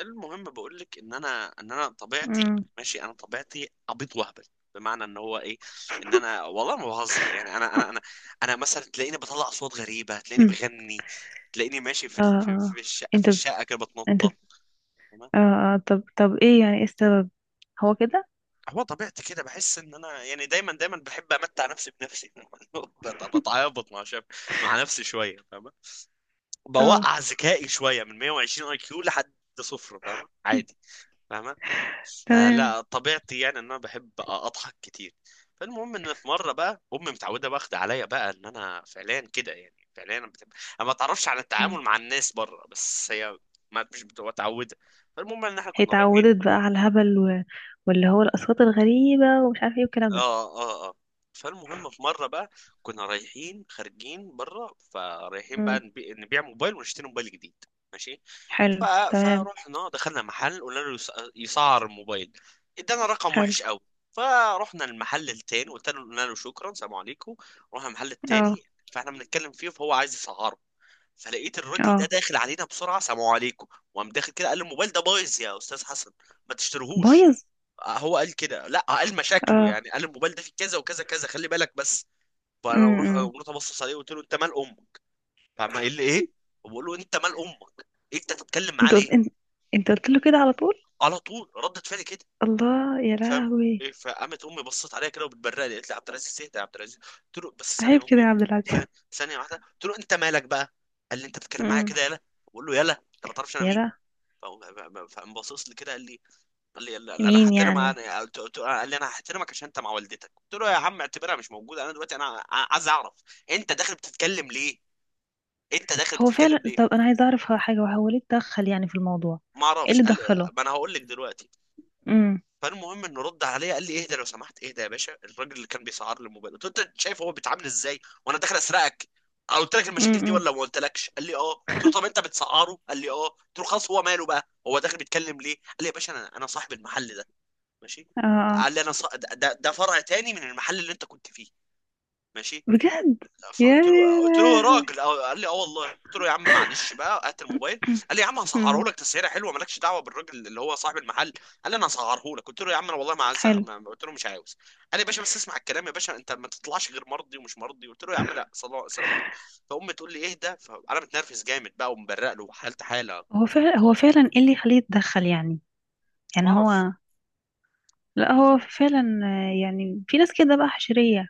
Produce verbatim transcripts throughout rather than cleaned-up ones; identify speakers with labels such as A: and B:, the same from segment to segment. A: المهم بقول لك ان انا ان انا طبيعتي.
B: مم.
A: ماشي، انا طبيعتي عبيط وهبل، بمعنى ان هو ايه، ان انا والله ما بهزر. يعني انا انا انا انا مثلا تلاقيني بطلع اصوات غريبه، تلاقيني بغني، تلاقيني ماشي في
B: اه،
A: ال- في
B: اه،
A: في الشقه، في
B: انت ب...
A: الشقه كده
B: انت ب...
A: بتنطط، تمام؟
B: اه، اه، طب طب، ايه يعني ايه السبب؟ هو كده.
A: هو طبيعتي كده، بحس ان انا يعني دايما دايما بحب امتع نفسي بنفسي بت- بتعابط مع شاب، مع نفسي شويه، فاهمه؟
B: اه،
A: بوقع ذكائي شويه من مية وعشرين اي كيو لحد صفر، فاهمه؟ عادي. فاهمة.
B: تمام.
A: فلا طبيعتي يعني ان انا بحب اضحك كتير. فالمهم، ان في مره بقى، امي متعوده واخده عليا بقى ان انا فعليا كده، يعني فعليا انا بتب... انا ما اتعرفش على التعامل
B: مم.
A: مع الناس بره، بس هي ما مش بتبقى متعوده. فالمهم ان احنا
B: هي
A: كنا رايحين.
B: اتعودت بقى على الهبل و... واللي هو الاصوات الغريبه ومش عارفه ايه والكلام ده.
A: اه، اه، اه. فالمهم في مره بقى، كنا رايحين خارجين بره، فرايحين بقى
B: مم.
A: نبي... نبيع موبايل ونشتري موبايل جديد. ماشي. ف...
B: حلو، تمام.
A: فرحنا دخلنا محل قلنا له يس... يسعر الموبايل. ادانا رقم
B: حلو.
A: وحش قوي. فرحنا المحل التاني، قلت له قلنا له شكرا، سلام عليكم. رحنا المحل
B: اه،
A: التاني. فاحنا بنتكلم فيه فهو عايز يسعره. فلقيت الراجل ده
B: اه،
A: داخل علينا بسرعه، سلام عليكم. وقام داخل كده، قال لي الموبايل ده بايظ يا استاذ حسن، ما تشتريهوش.
B: بايظ.
A: هو قال كده، لا قال مشاكله،
B: اه،
A: يعني قال الموبايل ده فيه كذا وكذا كذا، خلي بالك بس. فانا روح
B: امم
A: قمت ابصص عليه وقلت له انت مال امك. فما قال لي ايه، وبقول له انت مال امك، إيه انت تتكلم معاه
B: انت
A: ليه؟
B: قلت انت, انت قلت له كده على طول.
A: على طول ردت فعلي كده.
B: الله يا
A: فاهم؟
B: لهوي.
A: ايه. فقامت امي بصت عليا كده وبتبرق لي، قالت لي عبد العزيز اهدى يا عبد العزيز. قلت له بس ثانيه يا
B: عيب كده
A: امي،
B: يا عبد العزيز.
A: ثانيه ثانية واحده. قلت له انت مالك بقى؟ قال لي انت بتتكلم معايا
B: امم.
A: كده، يلا. بقول له يلا، انت ما تعرفش انا
B: يا
A: مين.
B: لا.
A: فقام بصص لي كده قال لي، قال لي لا لا، انا
B: مين
A: هحترم،
B: يعني؟
A: انا قلت قلت قال لي انا هحترمك عشان انت مع والدتك. قلت له يا عم اعتبرها مش موجوده، انا دلوقتي انا ع- عايز اعرف انت داخل بتتكلم ليه، انت داخل
B: هو
A: بتتكلم
B: فعلا،
A: ليه.
B: طب انا عايزه اعرف حاجه وهو ليه اتدخل يعني في الموضوع؟
A: ما
B: ايه
A: اعرفش
B: اللي
A: قال.
B: دخله؟
A: ما انا هقول لك دلوقتي.
B: امم،
A: فالمهم انه رد عليا قال لي اهدى لو سمحت، اهدى يا باشا. الراجل اللي كان بيسعر لي الموبايل، قلت له انت شايف هو بيتعامل ازاي؟ وانا داخل اسرقك؟ أنا قلت لك المشاكل دي
B: امم،
A: ولا ما قلتلكش؟ قال لي اه. قلت له طب انت بتسعره؟ قال لي اه. قلت له خلاص، هو ماله بقى؟ هو داخل بيتكلم ليه؟ قال لي يا باشا انا انا صاحب المحل ده. ماشي.
B: اه، آه.
A: قال لي انا ص... ده, ده فرع تاني من المحل اللي انت كنت فيه. ماشي.
B: بجد. يا
A: فقلت له
B: يا
A: قلت له يا
B: لهوي.
A: راجل، أو... قال لي اه والله. قلت له يا عم معلش بقى، هات الموبايل. قال لي يا عم هسعره
B: امم.
A: لك تسعيره حلوه، مالكش دعوه بالراجل اللي هو صاحب المحل. قال لي انا هسعره لك. قلت له يا عم انا والله ما عايز
B: حلو.
A: ما- ما- قلت له مش عاوز. قال لي يا باشا بس اسمع الكلام يا باشا، انت ما تطلعش غير مرضي ومش مرضي. قلت له يا عم لا، صلا- السلام عليكم. فامي تقول لي اهدى، فانا متنرفز جامد بقى ومبرق له حالتي حاله.
B: هو فعلا هو فعلا ايه اللي يخليه يتدخل يعني؟
A: ما
B: يعني
A: اعرفش.
B: هو، لا هو فعلا آه، يعني في ناس كده بقى حشريه.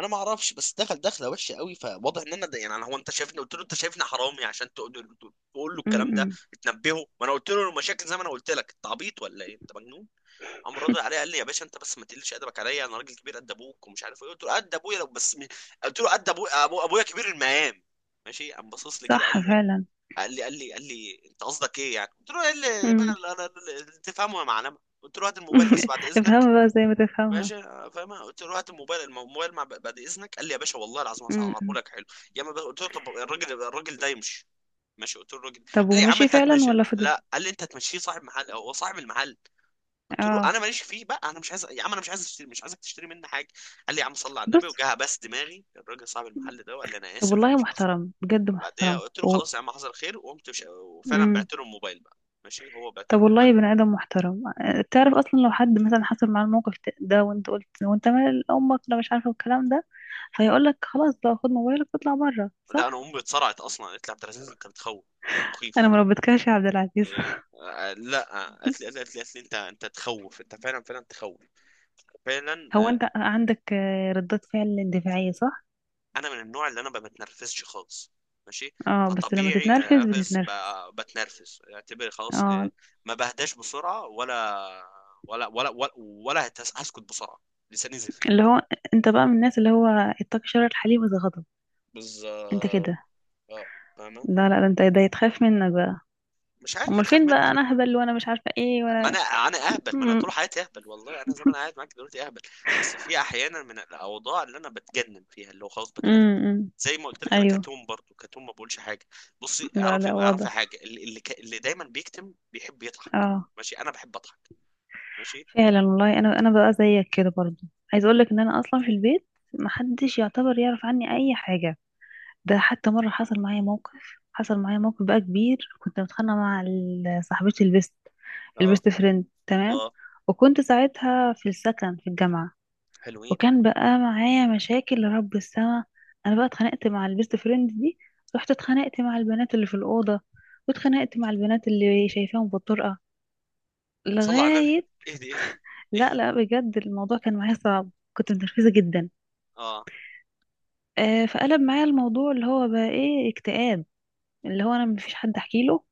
A: انا ما اعرفش بس دخل دخله وحشه قوي، فواضح ان انا ده يعني، أنا- هو انت شايفني؟ قلت له انت شايفني حرامي عشان تقول له، تقول له الكلام ده؟
B: امم.
A: تنبهه؟ ما انا قلت له المشاكل زي ما انا قلت لك. انت عبيط ولا ايه؟ انت مجنون؟ قام راضي عليا قال لي يا باشا انت بس ما تقلش ادبك عليا، انا راجل كبير قد ابوك ومش عارف ايه. قلت له قد ابويا لو بس م... قلت له قد ابويا أبو... ابويا كبير المقام. ماشي. قام باصص لي كده، قال
B: صح
A: لي
B: فعلا.
A: قال لي قال لي قال لي انت قصدك ايه يعني؟ قلت له ايه اللي بقى
B: امم.
A: اللي أنا- اللي تفهمه يا معلمه؟ قلت له هات الموبايل بس بعد اذنك
B: افهمها بقى زي ما
A: يا
B: تفهمها.
A: باشا، فاهم؟ قلت له هات الموبايل الموبايل مع بعد اذنك. قال لي يا باشا والله العظيم هسعره
B: امم
A: لك حلو. يا ما قلت له طب الراجل الراجل ده يمشي. ماشي. قلت له الراجل.
B: طب
A: قال لي يا عم
B: ومشي
A: انت
B: فعلا
A: هتمشي؟
B: ولا فضل؟
A: لا قال لي انت هتمشيه؟ صاحب محل، هو صاحب المحل. قلت له
B: اه،
A: انا ماليش فيه بقى، انا مش عايز يا عم، انا مش عايز اشتري، مش عايزك تشتري مني حاجه. قال لي يا عم صلي على النبي،
B: بص.
A: وجه بس دماغي الراجل صاحب المحل ده وقال لي انا
B: طب
A: اسف
B: والله
A: ومش قصدي.
B: محترم، بجد
A: بعدها
B: محترم
A: قلت له
B: و...
A: خلاص يا عم، حصل خير. وقمت مش... وفعلا
B: امم
A: بعت له الموبايل بقى. ماشي، هو بعت له
B: طب
A: الموبايل.
B: والله بني آدم محترم. تعرف أصلا لو حد مثلا حصل معاه الموقف ده وأنت قلت وأنت مال أمك أنا مش عارفة الكلام ده، فيقول لك خلاص بقى خد موبايلك واطلع بره،
A: لا انا
B: صح.
A: امي اتصرعت اصلا، قالت لي عبد العزيز انت بتخوف، انت
B: أنا
A: مخيف.
B: مربتكش يا عبد العزيز.
A: إيه. آه، لا آه، قالت لي قالت لي قالت لي انت انت تخوف، انت فعلا فعلا تخوف. فعلا،
B: هو
A: آه.
B: أنت عندك آه، ردات فعل دفاعية، صح؟
A: انا من النوع اللي انا ما بتنرفزش خالص. ماشي.
B: اه، بس لما
A: فطبيعي آه،
B: تتنرفز
A: انرفز،
B: بتتنرفز.
A: ب- بتنرفز اعتبر خلاص، آه.
B: اه.
A: ما بهداش بسرعه، ولا ولا ولا ولا, ولا هتس- هسكت بسرعه. لساني زفر.
B: اللي هو أنت بقى من الناس اللي هو اتقي شر الحليم إذا غضب. أنت
A: بالظبط.
B: كده.
A: اه، فاهمه؟
B: لا لا، ده أنت ده يتخاف منك بقى.
A: مش عارف،
B: أمال
A: تخاف
B: فين
A: مني.
B: بقى؟ أنا أهبل وأنا مش عارفة إيه
A: ما
B: وأنا،
A: انا انا اهبل، ما انا
B: امم،
A: طول حياتي اهبل. والله انا زي ما انا قاعد معاك دلوقتي اهبل. بس في احيانا من الاوضاع اللي انا بتجنن فيها، اللي هو خلاص بتنرفز.
B: امم،
A: زي ما قلت لك، انا
B: أيوه.
A: كتوم برضو كتوم، ما بقولش حاجه. بصي،
B: لا لا،
A: اعرفي اعرفي
B: واضح.
A: حاجه، اللي اللي, ك... اللي دايما بيكتم بيحب يضحك.
B: اه.
A: ماشي، انا بحب اضحك. ماشي.
B: فعلا، والله انا انا بقى زيك كده برضو. عايز اقول لك ان انا اصلا في البيت محدش يعتبر يعرف عني اي حاجه. ده حتى مره حصل معايا موقف. حصل معايا موقف بقى كبير، كنت متخانقه مع ال- صاحبتي البيست.
A: اه،
B: البيست فريند، تمام.
A: اه،
B: وكنت ساعتها في السكن في الجامعه،
A: حلوين.
B: وكان بقى معايا مشاكل لرب السما. انا بقى اتخانقت مع البيست فريند دي، رحت اتخانقت مع البنات اللي في الاوضه، واتخانقت مع البنات اللي شايفاهم بالطرقه
A: صلى على النبي،
B: لغايه.
A: اهدي اهدي
B: لا
A: اهدي.
B: لا، بجد الموضوع كان معايا صعب. كنت متنرفزة جدا.
A: اه.
B: آه، فقلب معايا الموضوع اللي هو بقى ايه، اكتئاب. اللي هو انا مفيش حد احكي له،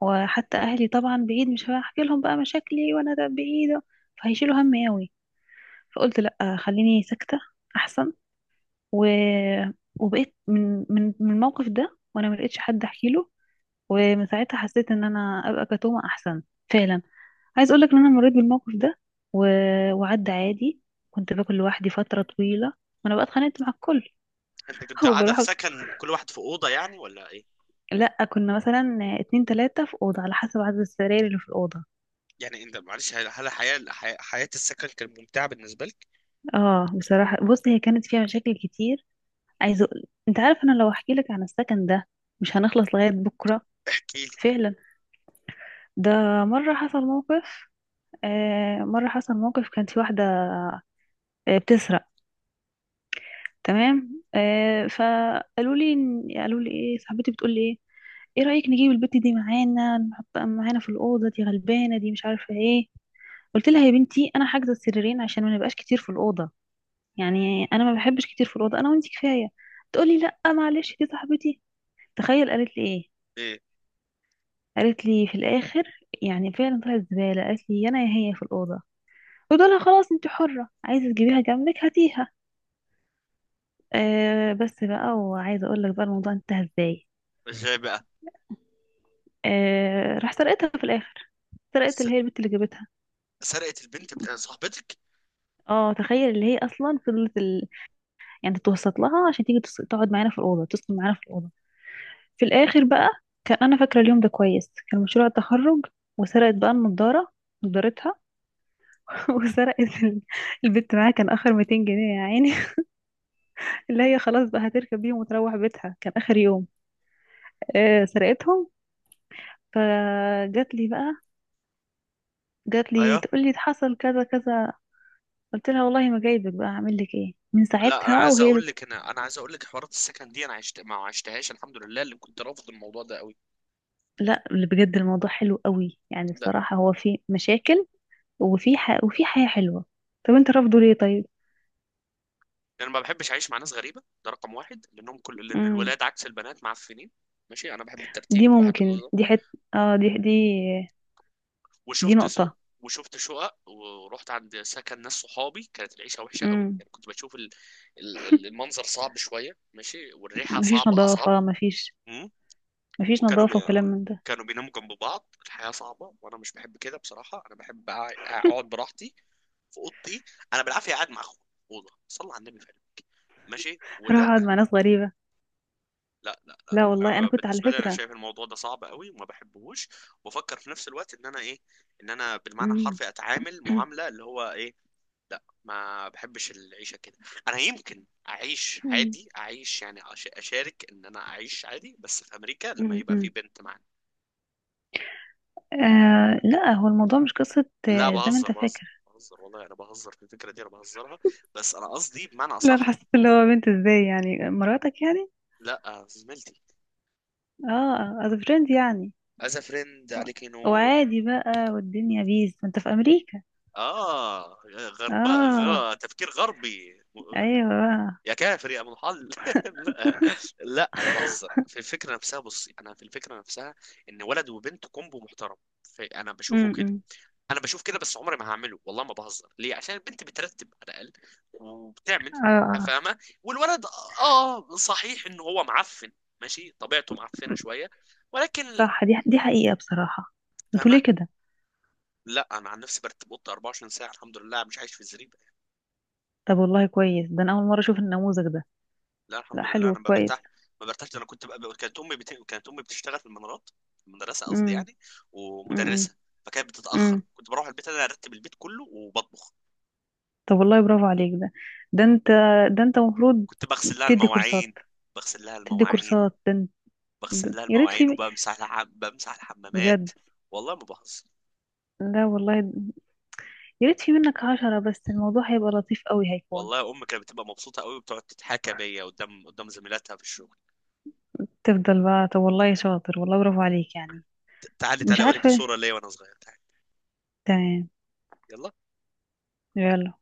B: وحتى اهلي طبعا بعيد، مش هحكي لهم بقى مشاكلي وانا ده بعيدة، فهيشيلوا همي قوي. فقلت لا، خليني ساكتة احسن. و... وبقيت من من من الموقف ده وانا ملقتش حد احكي له. ومن ساعتها حسيت ان انا ابقى كتومة احسن. فعلا. عايز اقولك ان انا مريت بالموقف ده و... وعدى عادي. كنت باكل لوحدي فترة طويلة، وانا بقى اتخانقت مع الكل.
A: انت كنت قاعده
B: وبروح.
A: في سكن كل واحد في اوضه يعني ولا ايه؟
B: لا، كنا مثلا اتنين تلاتة في أوضة على حسب عدد السراير اللي في الأوضة.
A: يعني انت معلش، هل هل حياه حياه السكن كانت ممتعه بالنسبه لك؟
B: اه، بصراحة، بص هي كانت فيها مشاكل كتير. عايز أقول... انت عارف انا لو احكي لك عن السكن ده مش هنخلص لغاية بكرة.
A: احكي لي.
B: فعلا. ده مرة حصل موقف. آه، مرة حصل موقف، كانت في واحدة آه، بتسرق. تمام. آه، فقالوا لي إن- قالوا لي ايه، صاحبتي بتقول لي ايه، ايه رأيك نجيب البت دي معانا، نحطها معانا في الأوضة دي، غلبانة دي مش عارفة ايه. قلت لها يا بنتي انا حاجزة السريرين عشان ما نبقاش كتير في الأوضة، يعني انا ما بحبش كتير في الأوضة، انا وانتي كفاية. تقولي لا معلش دي صاحبتي. تخيل قالت لي ايه.
A: ايه.
B: قالت لي في الآخر، يعني فعلا طلعت زبالة، قالت لي يا انا يا هي في الأوضة. قلت لها خلاص انتي حرة عايزة تجيبيها جنبك هاتيها. آه، بس بقى وعايزة اقول لك بقى الموضوع انتهى ازاي.
A: ازاي بقى؟
B: آه، راح سرقتها في الاخر. سرقت اللي هي البت اللي جابتها.
A: سرقت البنت بتاع صاحبتك.
B: اه، تخيل اللي هي اصلا فضلت ال... يعني توسط لها عشان تيجي تس- تقعد معانا في الاوضه، تسكن معانا في الاوضه. في الاخر بقى، كان انا فاكره اليوم ده كويس، كان مشروع التخرج، وسرقت بقى النضاره، نضارتها. وسرقت ال- البت، معاها كان اخر ميتين جنيه يا عيني. اللي هي خلاص بقى هتركب بيهم وتروح بيتها، كان اخر يوم. آه، سرقتهم. فجات لي بقى، جات لي
A: ايوه.
B: تقول لي حصل كذا كذا. قلت لها والله ما جايبك بقى اعمل لك ايه من
A: لا انا
B: ساعتها
A: عايز
B: وهي
A: اقول
B: بت...
A: لك انا انا عايز اقول لك حوارات السكن دي انا عشت ما عشتهاش، الحمد لله، اللي كنت رافض الموضوع ده قوي.
B: لا اللي بجد الموضوع حلو قوي، يعني
A: ده
B: بصراحة هو في مشاكل وفي ح... وفي حياة حلوة. طب انت رافضه ليه طيب؟
A: انا ما بحبش اعيش مع ناس غريبه، ده رقم واحد، لانهم كل، لان
B: امم.
A: الولاد عكس البنات معفنين. ماشي، انا بحب
B: دي
A: الترتيب وبحب
B: ممكن
A: النظام.
B: دي حت اه، دي دي دي
A: وشفت س...
B: نقطة.
A: وشفت شقق ورحت عند سكن ناس صحابي، كانت العيشه وحشه قوي.
B: امم.
A: يعني كنت بشوف ال... ال- المنظر صعب شويه ماشي، والريحه
B: مفيش
A: صعبه اصعب.
B: نظافة مفيش. مفيش
A: وكانوا بي...
B: نظافة وكلام من ده.
A: كانوا بيناموا جنب بعض، الحياة صعبة وانا مش بحب كده بصراحة. انا بحب أع- اقعد براحتي في اوضتي. انا بالعافية قاعد مع اخويا في اوضة، صلى على النبي فعلا. ماشي ولا
B: هروح اقعد
A: لا.
B: مع ناس غريبة؟
A: لا لا،
B: لا والله انا
A: انا
B: كنت على
A: بالنسبة لي انا
B: فكرة.
A: شايف الموضوع ده صعب قوي وما بحبهوش. وبفكر في نفس الوقت ان انا ايه، ان انا بالمعنى
B: امم.
A: الحرفي اتعامل معاملة اللي هو ايه. لا، ما بحبش العيشة كده. انا يمكن اعيش
B: امم.
A: عادي، اعيش يعني أش- اشارك، ان انا اعيش عادي بس في امريكا لما
B: امم.
A: يبقى في بنت معايا.
B: آه، لا هو الموضوع مش قصة
A: لا
B: آه، زي ما انت
A: بهزر، بهزر
B: فاكر.
A: بهزر والله، انا بهزر في الفكره دي، انا بهزرها. بس انا قصدي بمعنى
B: لا، انا
A: صح.
B: حسيت اللي هو بنت ازاي، يعني مراتك يعني.
A: لا زميلتي،
B: اه، از فريند يعني.
A: از فريند
B: و-
A: عليك نور.
B: وعادي بقى، والدنيا بيز انت في امريكا.
A: اه، غرباء،
B: اه.
A: غ... تفكير غربي.
B: ايوه بقى.
A: يا كافر يا ابو الحل. لا. لا انا بهزر في الفكره نفسها، بصي انا في الفكره نفسها، ان ولد وبنت كومبو محترم. في... انا بشوفه كده.
B: امم.
A: انا بشوف كده. بس عمري ما هعمله، والله ما بهزر ليه، عشان البنت بترتب على الاقل وبتعمل،
B: اه، اه،
A: فاهمه؟ والولد اه صحيح ان هو معفن، ماشي طبيعته معفنه شويه، ولكن.
B: صح. دي دي حقيقة بصراحة. انتوا
A: فاهمه؟
B: ليه كده؟
A: لا انا عن نفسي برتب اوضتي اربعه وعشرين ساعه، الحمد لله مش عايش في الزريبه.
B: طب والله كويس، ده انا اول مرة اشوف النموذج ده.
A: لا
B: لا،
A: الحمد لله
B: حلو،
A: انا ما
B: كويس.
A: برتاح، ما برتاحش. ده انا كنت بقى، كانت امي بت... كانت امي بتشتغل في المنارات، في المدرسه قصدي
B: امم.
A: يعني،
B: امم.
A: ومدرسه. فكانت
B: امم.
A: بتتاخر، كنت بروح البيت انا ارتب البيت كله وبطبخ.
B: طب والله برافو عليك. ده ده انت، ده انت المفروض
A: كنت بغسل لها
B: تدي كورسات.
A: المواعين، بغسل لها
B: تدي
A: المواعين
B: كورسات ده انت-
A: بغسل
B: ده-
A: لها
B: يا ريت
A: المواعين
B: في،
A: وبمسح لها، بمسح الحمامات.
B: بجد.
A: والله ما بهزر.
B: لا والله، يا ريت في منك عشرة بس، الموضوع هيبقى لطيف قوي، هيكون.
A: والله امي كانت بتبقى مبسوطه قوي، وبتقعد تتحكى بيا قدام قدام زميلاتها في الشغل.
B: تفضل بقى. طب والله شاطر، والله برافو عليك يعني.
A: تعالي
B: مش
A: تعالي اوريك
B: عارفة.
A: صوره ليا وانا صغير، تعالي،
B: تمام.
A: يلا.
B: يلا.